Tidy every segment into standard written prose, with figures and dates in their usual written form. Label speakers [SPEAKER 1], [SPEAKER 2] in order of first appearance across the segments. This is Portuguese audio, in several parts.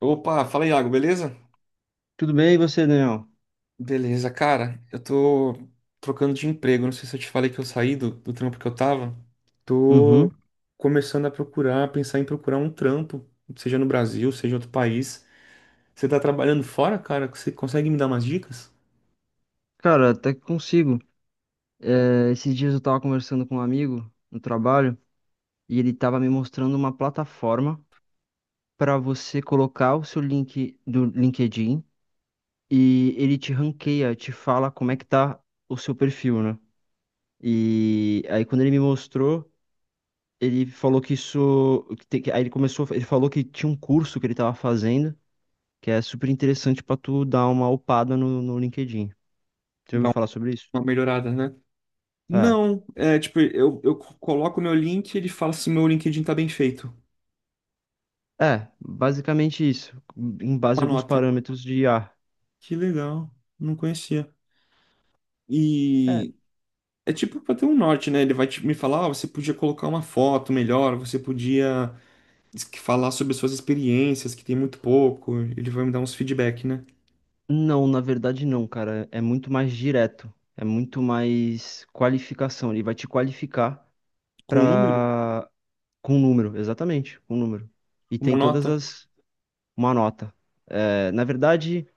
[SPEAKER 1] Opa, fala Iago, beleza?
[SPEAKER 2] Tudo bem, e você, Daniel?
[SPEAKER 1] Beleza, cara, eu tô trocando de emprego. Não sei se eu te falei que eu saí do trampo que eu tava.
[SPEAKER 2] Uhum.
[SPEAKER 1] Tô começando a procurar, pensar em procurar um trampo, seja no Brasil, seja em outro país. Você tá trabalhando fora, cara? Você consegue me dar umas dicas?
[SPEAKER 2] Cara, até que consigo. É, esses dias eu tava conversando com um amigo no trabalho e ele tava me mostrando uma plataforma para você colocar o seu link do LinkedIn e ele te ranqueia, te fala como é que tá o seu perfil, né? E aí quando ele me mostrou, ele falou que isso, que tem que- aí ele começou, ele falou que tinha um curso que ele tava fazendo que é super interessante para tu dar uma upada no LinkedIn. Você ouviu
[SPEAKER 1] Dá
[SPEAKER 2] falar sobre isso?
[SPEAKER 1] uma melhorada, né?
[SPEAKER 2] É.
[SPEAKER 1] Não, é tipo, eu coloco meu link e ele fala se meu LinkedIn tá bem feito.
[SPEAKER 2] É, basicamente isso, em
[SPEAKER 1] Dá
[SPEAKER 2] base a
[SPEAKER 1] uma
[SPEAKER 2] alguns
[SPEAKER 1] nota.
[SPEAKER 2] parâmetros de IA.
[SPEAKER 1] Que legal, não conhecia.
[SPEAKER 2] É,
[SPEAKER 1] E é tipo pra ter um norte, né? Me falar, ah, você podia colocar uma foto melhor, você podia falar sobre as suas experiências, que tem muito pouco. Ele vai me dar uns feedback, né?
[SPEAKER 2] não, na verdade não, cara, é muito mais direto, é muito mais qualificação, ele vai te qualificar
[SPEAKER 1] Com um número,
[SPEAKER 2] pra... com número, exatamente, com número. E
[SPEAKER 1] uma
[SPEAKER 2] tem todas
[SPEAKER 1] nota.
[SPEAKER 2] as... uma nota. É, na verdade,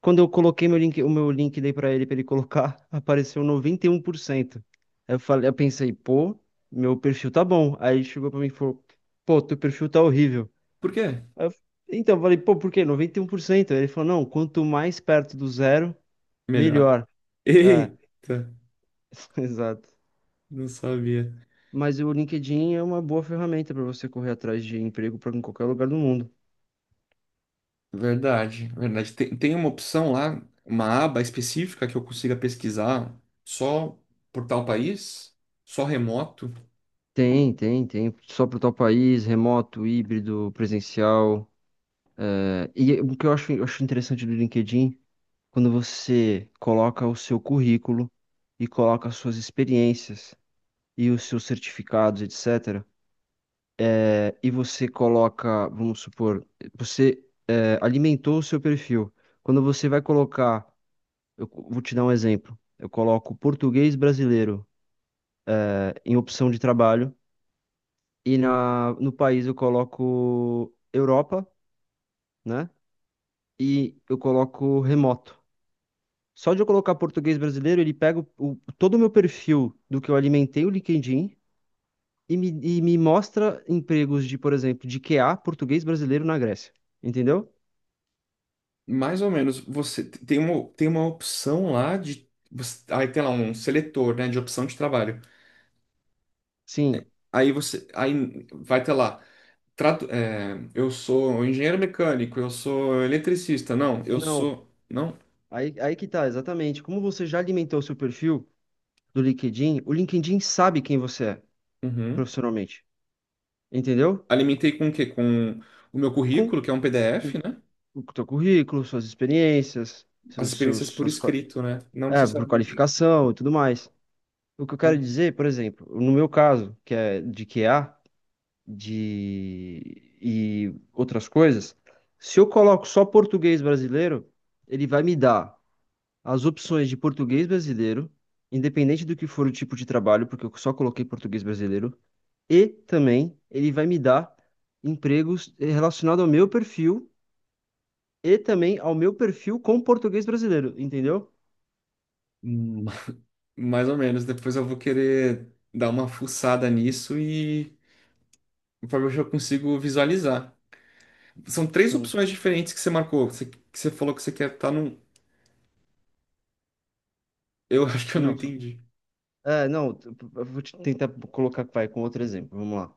[SPEAKER 2] quando eu coloquei meu link, o meu link dei pra ele, colocar, apareceu 91%. Aí eu falei, eu pensei, pô, meu perfil tá bom. Aí ele chegou pra mim e falou, pô, teu perfil tá horrível.
[SPEAKER 1] Por quê?
[SPEAKER 2] Aí eu f- Então, eu falei, pô, por quê? 91%. Aí ele falou, não, quanto mais perto do zero,
[SPEAKER 1] Melhor.
[SPEAKER 2] melhor. É,
[SPEAKER 1] Eita,
[SPEAKER 2] exato.
[SPEAKER 1] não sabia.
[SPEAKER 2] Mas o LinkedIn é uma boa ferramenta para você correr atrás de emprego para em qualquer lugar do mundo.
[SPEAKER 1] Verdade, verdade. Tem, tem uma opção lá, uma aba específica que eu consiga pesquisar só por tal país, só remoto.
[SPEAKER 2] Tem, tem, tem. Só para o teu país, remoto, híbrido, presencial. É, e o que eu acho interessante do LinkedIn, quando você coloca o seu currículo e coloca as suas experiências e os seus certificados, etc. É, e você coloca, vamos supor, você alimentou o seu perfil. Quando você vai colocar, vou te dar um exemplo. Eu coloco português brasileiro em opção de trabalho e no país eu coloco Europa, né? E eu coloco remoto. Só de eu colocar português brasileiro, ele pega todo o meu perfil do que eu alimentei o LinkedIn e me mostra empregos de, por exemplo, de Q a português brasileiro na Grécia. Entendeu?
[SPEAKER 1] Mais ou menos, você tem uma opção lá de. Aí tem lá um seletor, né, de opção de trabalho.
[SPEAKER 2] Sim.
[SPEAKER 1] Aí você. Aí vai ter lá. É, eu sou engenheiro mecânico, eu sou eletricista. Não, eu
[SPEAKER 2] Não,
[SPEAKER 1] sou. Não?
[SPEAKER 2] aí que tá, exatamente. Como você já alimentou o seu perfil do LinkedIn, o LinkedIn sabe quem você é
[SPEAKER 1] Uhum.
[SPEAKER 2] profissionalmente, entendeu?
[SPEAKER 1] Alimentei com o quê? Com o meu
[SPEAKER 2] Com
[SPEAKER 1] currículo, que é um
[SPEAKER 2] com
[SPEAKER 1] PDF, né?
[SPEAKER 2] o teu currículo, suas experiências,
[SPEAKER 1] As experiências por escrito, né? Não
[SPEAKER 2] é, por
[SPEAKER 1] necessariamente.
[SPEAKER 2] qualificação e tudo mais. O que eu quero
[SPEAKER 1] Entendi.
[SPEAKER 2] dizer, por exemplo, no meu caso, que é de QA, de e outras coisas, se eu coloco só português brasileiro, ele vai me dar as opções de português brasileiro, independente do que for o tipo de trabalho, porque eu só coloquei português brasileiro, e também ele vai me dar empregos relacionados ao meu perfil e também ao meu perfil com português brasileiro, entendeu?
[SPEAKER 1] Hum, Mais ou menos. Depois eu vou querer dar uma fuçada nisso e. Para ver se eu consigo visualizar. São três
[SPEAKER 2] Sim.
[SPEAKER 1] opções diferentes que você marcou. Que você falou que você quer estar num. Eu acho que eu não
[SPEAKER 2] Não,
[SPEAKER 1] entendi.
[SPEAKER 2] é, não, eu vou te tentar colocar, vai, com outro exemplo, vamos lá.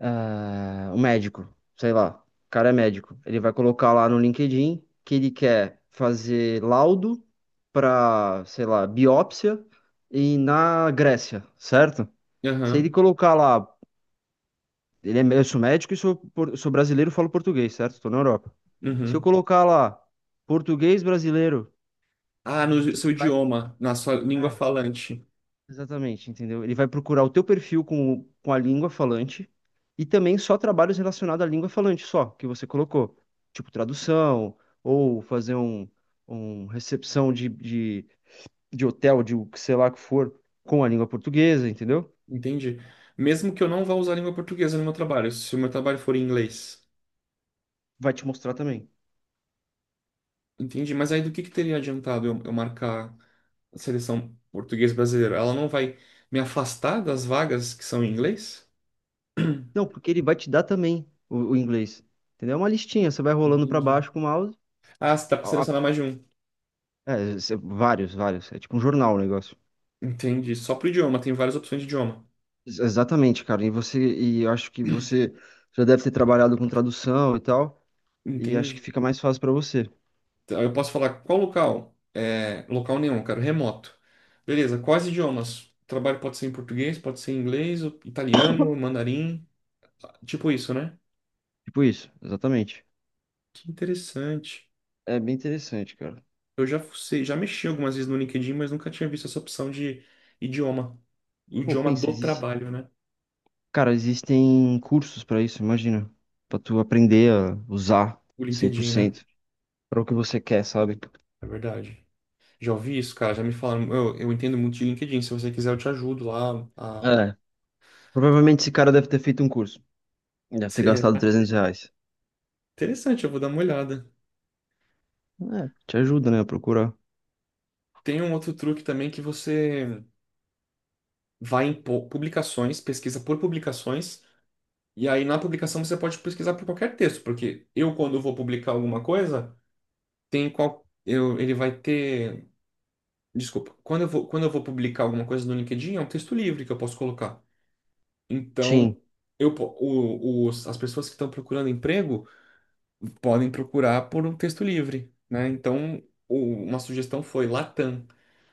[SPEAKER 2] O médico, sei lá, o cara é médico. Ele vai colocar lá no LinkedIn que ele quer fazer laudo para, sei lá, biópsia e na Grécia, certo? Se ele
[SPEAKER 1] Aham.
[SPEAKER 2] colocar lá, eu sou médico e sou brasileiro, falo português, certo? Estou na Europa. Se eu
[SPEAKER 1] Uhum.
[SPEAKER 2] colocar lá português brasileiro,
[SPEAKER 1] Ah, no
[SPEAKER 2] ele
[SPEAKER 1] seu
[SPEAKER 2] vai.
[SPEAKER 1] idioma, na sua língua
[SPEAKER 2] é,
[SPEAKER 1] falante.
[SPEAKER 2] Exatamente, entendeu? Ele vai procurar o teu perfil com a língua falante e também só trabalhos relacionados à língua falante, só, que você colocou. Tipo tradução, ou fazer um recepção de hotel, de o que sei lá que for, com a língua portuguesa, entendeu?
[SPEAKER 1] Entendi. Mesmo que eu não vá usar a língua portuguesa no meu trabalho, se o meu trabalho for em inglês.
[SPEAKER 2] Vai te mostrar também.
[SPEAKER 1] Entendi. Mas aí do que teria adiantado eu marcar a seleção portuguesa brasileira? Ela não vai me afastar das vagas que são em inglês?
[SPEAKER 2] Não, porque ele vai te dar também o inglês, entendeu? É uma listinha, você vai rolando para
[SPEAKER 1] Entendi.
[SPEAKER 2] baixo com o mouse.
[SPEAKER 1] Ah, você dá pra
[SPEAKER 2] a- a-
[SPEAKER 1] selecionar mais de um.
[SPEAKER 2] vários, vários. É tipo um jornal o negócio.
[SPEAKER 1] Entendi. Só pro idioma, tem várias opções de idioma.
[SPEAKER 2] Exatamente, cara. E eu acho que você já deve ter trabalhado com tradução e tal, e acho que
[SPEAKER 1] Entendi.
[SPEAKER 2] fica mais fácil pra você.
[SPEAKER 1] Então, eu posso falar qual local? É, local nenhum, eu quero remoto. Beleza, quais idiomas? O trabalho pode ser em português, pode ser em inglês, italiano, mandarim, tipo isso, né?
[SPEAKER 2] Tipo isso, exatamente.
[SPEAKER 1] Que interessante.
[SPEAKER 2] É bem interessante, cara.
[SPEAKER 1] Eu já fucei, já mexi algumas vezes no LinkedIn, mas nunca tinha visto essa opção de idioma. O
[SPEAKER 2] Pô,
[SPEAKER 1] idioma
[SPEAKER 2] pensa,
[SPEAKER 1] do trabalho, né?
[SPEAKER 2] cara, existem cursos pra isso, imagina, pra tu aprender a usar
[SPEAKER 1] O
[SPEAKER 2] cem por
[SPEAKER 1] LinkedIn, né?
[SPEAKER 2] cento pra o que você quer, sabe?
[SPEAKER 1] É verdade. Já ouvi isso, cara, já me falaram. Eu entendo muito de LinkedIn, se você quiser eu te ajudo lá a...
[SPEAKER 2] É. Provavelmente esse cara deve ter feito um curso. Deve ter gastado
[SPEAKER 1] Será?
[SPEAKER 2] 300 reais.
[SPEAKER 1] Interessante, eu vou dar uma olhada.
[SPEAKER 2] É, te ajuda, né, a procurar.
[SPEAKER 1] Tem um outro truque também que você vai em publicações, pesquisa por publicações, e aí na publicação você pode pesquisar por qualquer texto, porque eu, quando vou publicar alguma coisa, tem qual. Eu, ele vai ter. Desculpa, quando eu vou publicar alguma coisa no LinkedIn, é um texto livre que eu posso colocar.
[SPEAKER 2] Sim,
[SPEAKER 1] Então, eu, po- o- os, as pessoas que estão procurando emprego podem procurar por um texto livre, né? Então, uma sugestão foi Latam,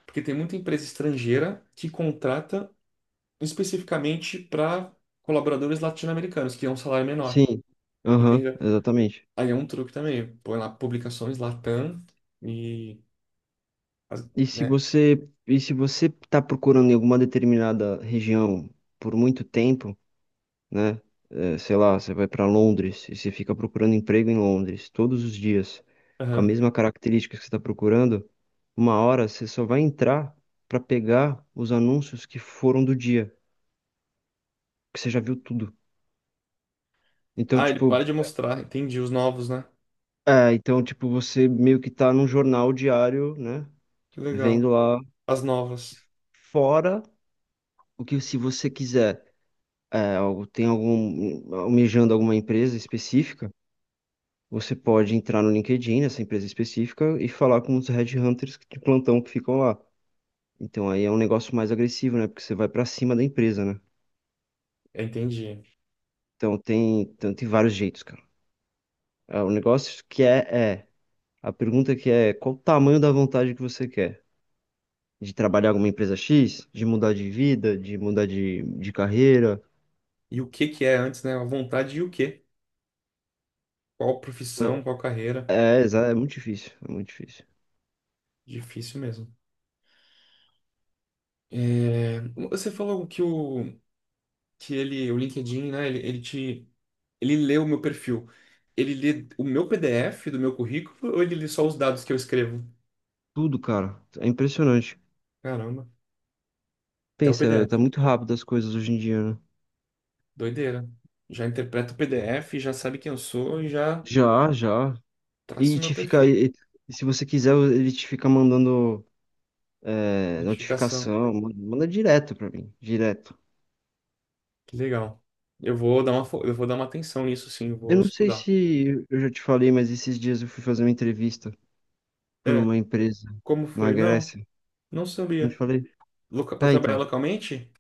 [SPEAKER 1] porque tem muita empresa estrangeira que contrata especificamente para colaboradores latino-americanos, que é um salário menor,
[SPEAKER 2] sim. Aham,
[SPEAKER 1] entende?
[SPEAKER 2] exatamente.
[SPEAKER 1] Aí é um truque também, põe lá publicações Latam e,
[SPEAKER 2] E se
[SPEAKER 1] né?
[SPEAKER 2] você, e se você está procurando em alguma determinada região por muito tempo, né? Sei lá, você vai para Londres e você fica procurando emprego em Londres todos os dias, com a
[SPEAKER 1] Aham.
[SPEAKER 2] mesma característica que você está procurando, uma hora você só vai entrar para pegar os anúncios que foram do dia, que você já viu tudo. Então,
[SPEAKER 1] Ah, ele para
[SPEAKER 2] tipo,
[SPEAKER 1] de mostrar, entendi, os novos, né?
[SPEAKER 2] então, tipo, você meio que tá num jornal diário, né?
[SPEAKER 1] Que
[SPEAKER 2] Vendo
[SPEAKER 1] legal.
[SPEAKER 2] lá
[SPEAKER 1] As novas,
[SPEAKER 2] fora o que se você quiser. Tem algum, almejando alguma empresa específica, você pode entrar no LinkedIn, nessa empresa específica, e falar com os headhunters de plantão que ficam lá. Então aí é um negócio mais agressivo, né? Porque você vai pra cima da empresa, né?
[SPEAKER 1] é, entendi.
[SPEAKER 2] Então, tem vários jeitos, cara. É, o negócio que é, é, a pergunta que é, qual o tamanho da vontade que você quer? De trabalhar alguma empresa X? De mudar de vida? De mudar de carreira?
[SPEAKER 1] E o que que é antes, né? A vontade e o quê? Qual profissão, qual
[SPEAKER 2] É,
[SPEAKER 1] carreira?
[SPEAKER 2] é, é muito difícil, é muito difícil.
[SPEAKER 1] Difícil mesmo. É, você falou que o LinkedIn, né? Ele, ele te. Ele lê o meu perfil. Ele lê o meu PDF do meu currículo ou ele lê só os dados que eu escrevo?
[SPEAKER 2] Tudo, cara. É impressionante.
[SPEAKER 1] Caramba, até o
[SPEAKER 2] Pensa, tá
[SPEAKER 1] PDF.
[SPEAKER 2] muito rápido as coisas hoje em dia, né?
[SPEAKER 1] Doideira. Já interpreta o PDF, já sabe quem eu sou e já
[SPEAKER 2] Já, já.
[SPEAKER 1] traça
[SPEAKER 2] E
[SPEAKER 1] o meu
[SPEAKER 2] te fica.
[SPEAKER 1] perfil.
[SPEAKER 2] E se você quiser, ele te fica mandando
[SPEAKER 1] Notificação.
[SPEAKER 2] notificação, manda direto pra mim, direto.
[SPEAKER 1] Que legal. Eu vou dar uma, eu vou dar uma atenção nisso, sim, eu
[SPEAKER 2] Eu
[SPEAKER 1] vou
[SPEAKER 2] não sei
[SPEAKER 1] estudar.
[SPEAKER 2] se eu já te falei, mas esses dias eu fui fazer uma entrevista por
[SPEAKER 1] É,
[SPEAKER 2] uma empresa
[SPEAKER 1] como
[SPEAKER 2] na
[SPEAKER 1] foi? Não,
[SPEAKER 2] Grécia.
[SPEAKER 1] não
[SPEAKER 2] Não te
[SPEAKER 1] sabia.
[SPEAKER 2] falei?
[SPEAKER 1] Loca... Para
[SPEAKER 2] Ah,
[SPEAKER 1] trabalhar
[SPEAKER 2] então.
[SPEAKER 1] localmente?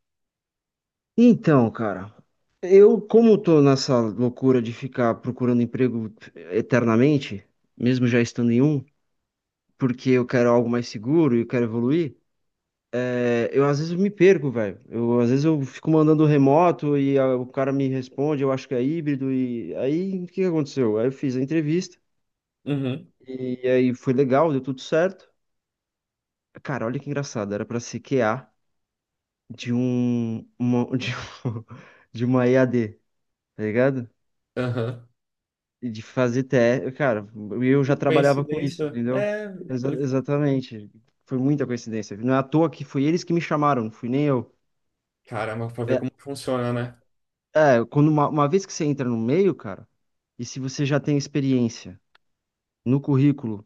[SPEAKER 2] Então, cara, como tô nessa loucura de ficar procurando emprego eternamente, mesmo já estando em um, porque eu quero algo mais seguro e eu quero evoluir. É, eu às vezes eu me perco, velho. Eu às vezes eu fico mandando remoto e o cara me responde, eu acho que é híbrido e aí o que que aconteceu? Aí eu fiz a entrevista
[SPEAKER 1] Uhum.
[SPEAKER 2] e aí foi legal, deu tudo certo. Cara, olha que engraçado, era pra ser QA de um uma, de, um- de uma EAD, tá ligado?
[SPEAKER 1] Aham.
[SPEAKER 2] E de fazer TE, cara, eu
[SPEAKER 1] Que
[SPEAKER 2] já trabalhava com isso,
[SPEAKER 1] coincidência.
[SPEAKER 2] entendeu?
[SPEAKER 1] É,
[SPEAKER 2] Exa-
[SPEAKER 1] pelo...
[SPEAKER 2] exatamente. Foi muita coincidência. Não é à toa que foi eles que me chamaram, não fui nem eu.
[SPEAKER 1] Caramba, para ver como funciona, né?
[SPEAKER 2] É, quando uma vez que você entra no meio, cara, e se você já tem experiência no currículo,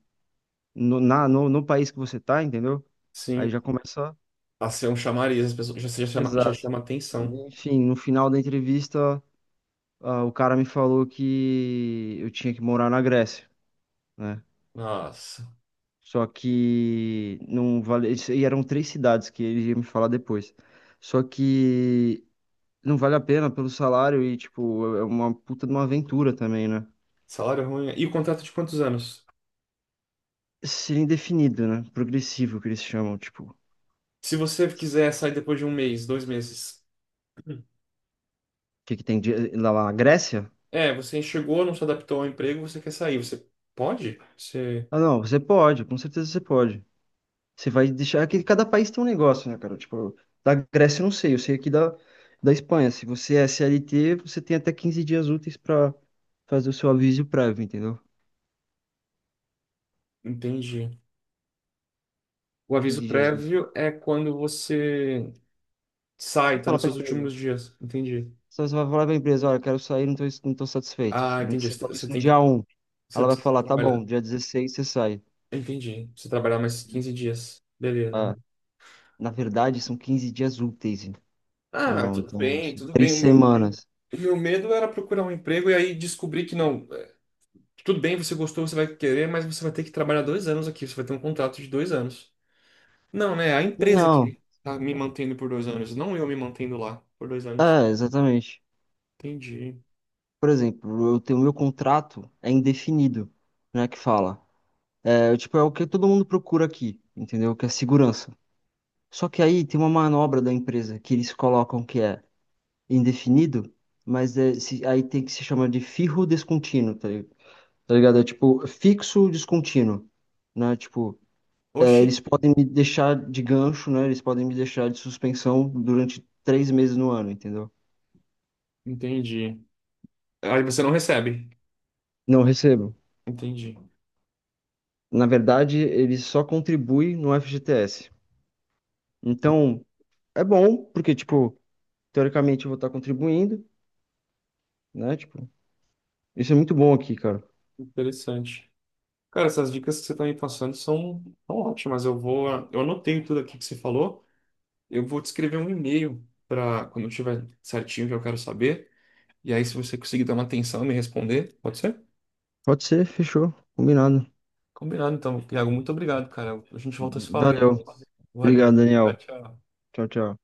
[SPEAKER 2] no, na, no, no país que você tá, entendeu? Aí
[SPEAKER 1] Sim.
[SPEAKER 2] já começa.
[SPEAKER 1] Nossa, é um chamariz, as pessoas já, já
[SPEAKER 2] Exato.
[SPEAKER 1] chama atenção.
[SPEAKER 2] Enfim, no final da entrevista, o cara me falou que eu tinha que morar na Grécia, né?
[SPEAKER 1] Nossa,
[SPEAKER 2] Só que não vale. E eram três cidades que ele ia me falar depois. Só que não vale a pena pelo salário e, tipo, é uma puta de uma aventura também, né?
[SPEAKER 1] salário ruim. E o contrato de quantos anos?
[SPEAKER 2] Seria indefinido, né? Progressivo, que eles chamam, tipo, o
[SPEAKER 1] Se você quiser sair depois de um mês, dois meses.
[SPEAKER 2] que que tem lá na Grécia?
[SPEAKER 1] É, você chegou, não se adaptou ao emprego, você quer sair. Você pode? Você
[SPEAKER 2] Ah, não, você pode, com certeza você pode. Você vai deixar é que cada país tem um negócio, né, cara? Tipo, da Grécia eu não sei, eu sei aqui da Espanha. Se você é CLT, você tem até 15 dias úteis pra fazer o seu aviso prévio, entendeu?
[SPEAKER 1] entende? O aviso
[SPEAKER 2] 15 dias úteis.
[SPEAKER 1] prévio é quando você sai,
[SPEAKER 2] Vai
[SPEAKER 1] tá
[SPEAKER 2] falar
[SPEAKER 1] nos
[SPEAKER 2] pra
[SPEAKER 1] seus
[SPEAKER 2] empresa.
[SPEAKER 1] últimos dias. Entendi.
[SPEAKER 2] Você vai falar pra empresa, olha, quero sair, não tô satisfeita.
[SPEAKER 1] Ah, entendi.
[SPEAKER 2] Você falou
[SPEAKER 1] Você
[SPEAKER 2] isso no
[SPEAKER 1] tem que,
[SPEAKER 2] dia um.
[SPEAKER 1] você
[SPEAKER 2] Ela vai
[SPEAKER 1] precisa
[SPEAKER 2] falar, tá
[SPEAKER 1] trabalhar.
[SPEAKER 2] bom, dia 16 você sai.
[SPEAKER 1] Entendi. Você trabalhar mais 15 dias. Beleza.
[SPEAKER 2] Ah, na verdade, são 15 dias úteis.
[SPEAKER 1] Ah,
[SPEAKER 2] Irmão,
[SPEAKER 1] tudo
[SPEAKER 2] então,
[SPEAKER 1] bem,
[SPEAKER 2] assim,
[SPEAKER 1] tudo
[SPEAKER 2] três
[SPEAKER 1] bem. O
[SPEAKER 2] semanas.
[SPEAKER 1] meu medo era procurar um emprego e aí descobrir que não, tudo bem, você gostou, você vai querer, mas você vai ter que trabalhar 2 anos aqui, você vai ter um contrato de 2 anos. Não, né? A empresa
[SPEAKER 2] Não,
[SPEAKER 1] que tá me mantendo por 2 anos, não eu me mantendo lá por 2 anos.
[SPEAKER 2] exatamente.
[SPEAKER 1] Entendi.
[SPEAKER 2] Por exemplo, eu tenho meu contrato é indefinido, né, que fala. É, tipo, é o que todo mundo procura aqui, entendeu? Que é segurança. Só que aí tem uma manobra da empresa que eles colocam que é indefinido, mas aí tem que se chama de firro descontínuo, tá ligado? É tipo fixo descontínuo, né? Tipo,
[SPEAKER 1] Oxi,
[SPEAKER 2] eles podem me deixar de gancho, né? Eles podem me deixar de suspensão durante 3 meses no ano, entendeu?
[SPEAKER 1] entendi. Aí você não recebe.
[SPEAKER 2] Não recebo.
[SPEAKER 1] Entendi.
[SPEAKER 2] Na verdade, ele só contribui no FGTS. Então, é bom, porque, tipo, teoricamente eu vou estar contribuindo, né? Tipo, isso é muito bom aqui, cara.
[SPEAKER 1] Interessante. Cara, essas dicas que você tá me passando são, são ótimas. Eu vou, eu anotei tudo aqui que você falou. Eu vou te escrever um e-mail para quando eu tiver certinho o que eu quero saber. E aí, se você conseguir dar uma atenção e me responder, pode ser?
[SPEAKER 2] Pode ser, fechou, combinado.
[SPEAKER 1] Combinado, então. Iago, muito obrigado, cara. A gente volta a se falar aí
[SPEAKER 2] Valeu.
[SPEAKER 1] depois. Valeu.
[SPEAKER 2] Obrigado,
[SPEAKER 1] Tchau,
[SPEAKER 2] Daniel.
[SPEAKER 1] tchau.
[SPEAKER 2] Tchau, tchau.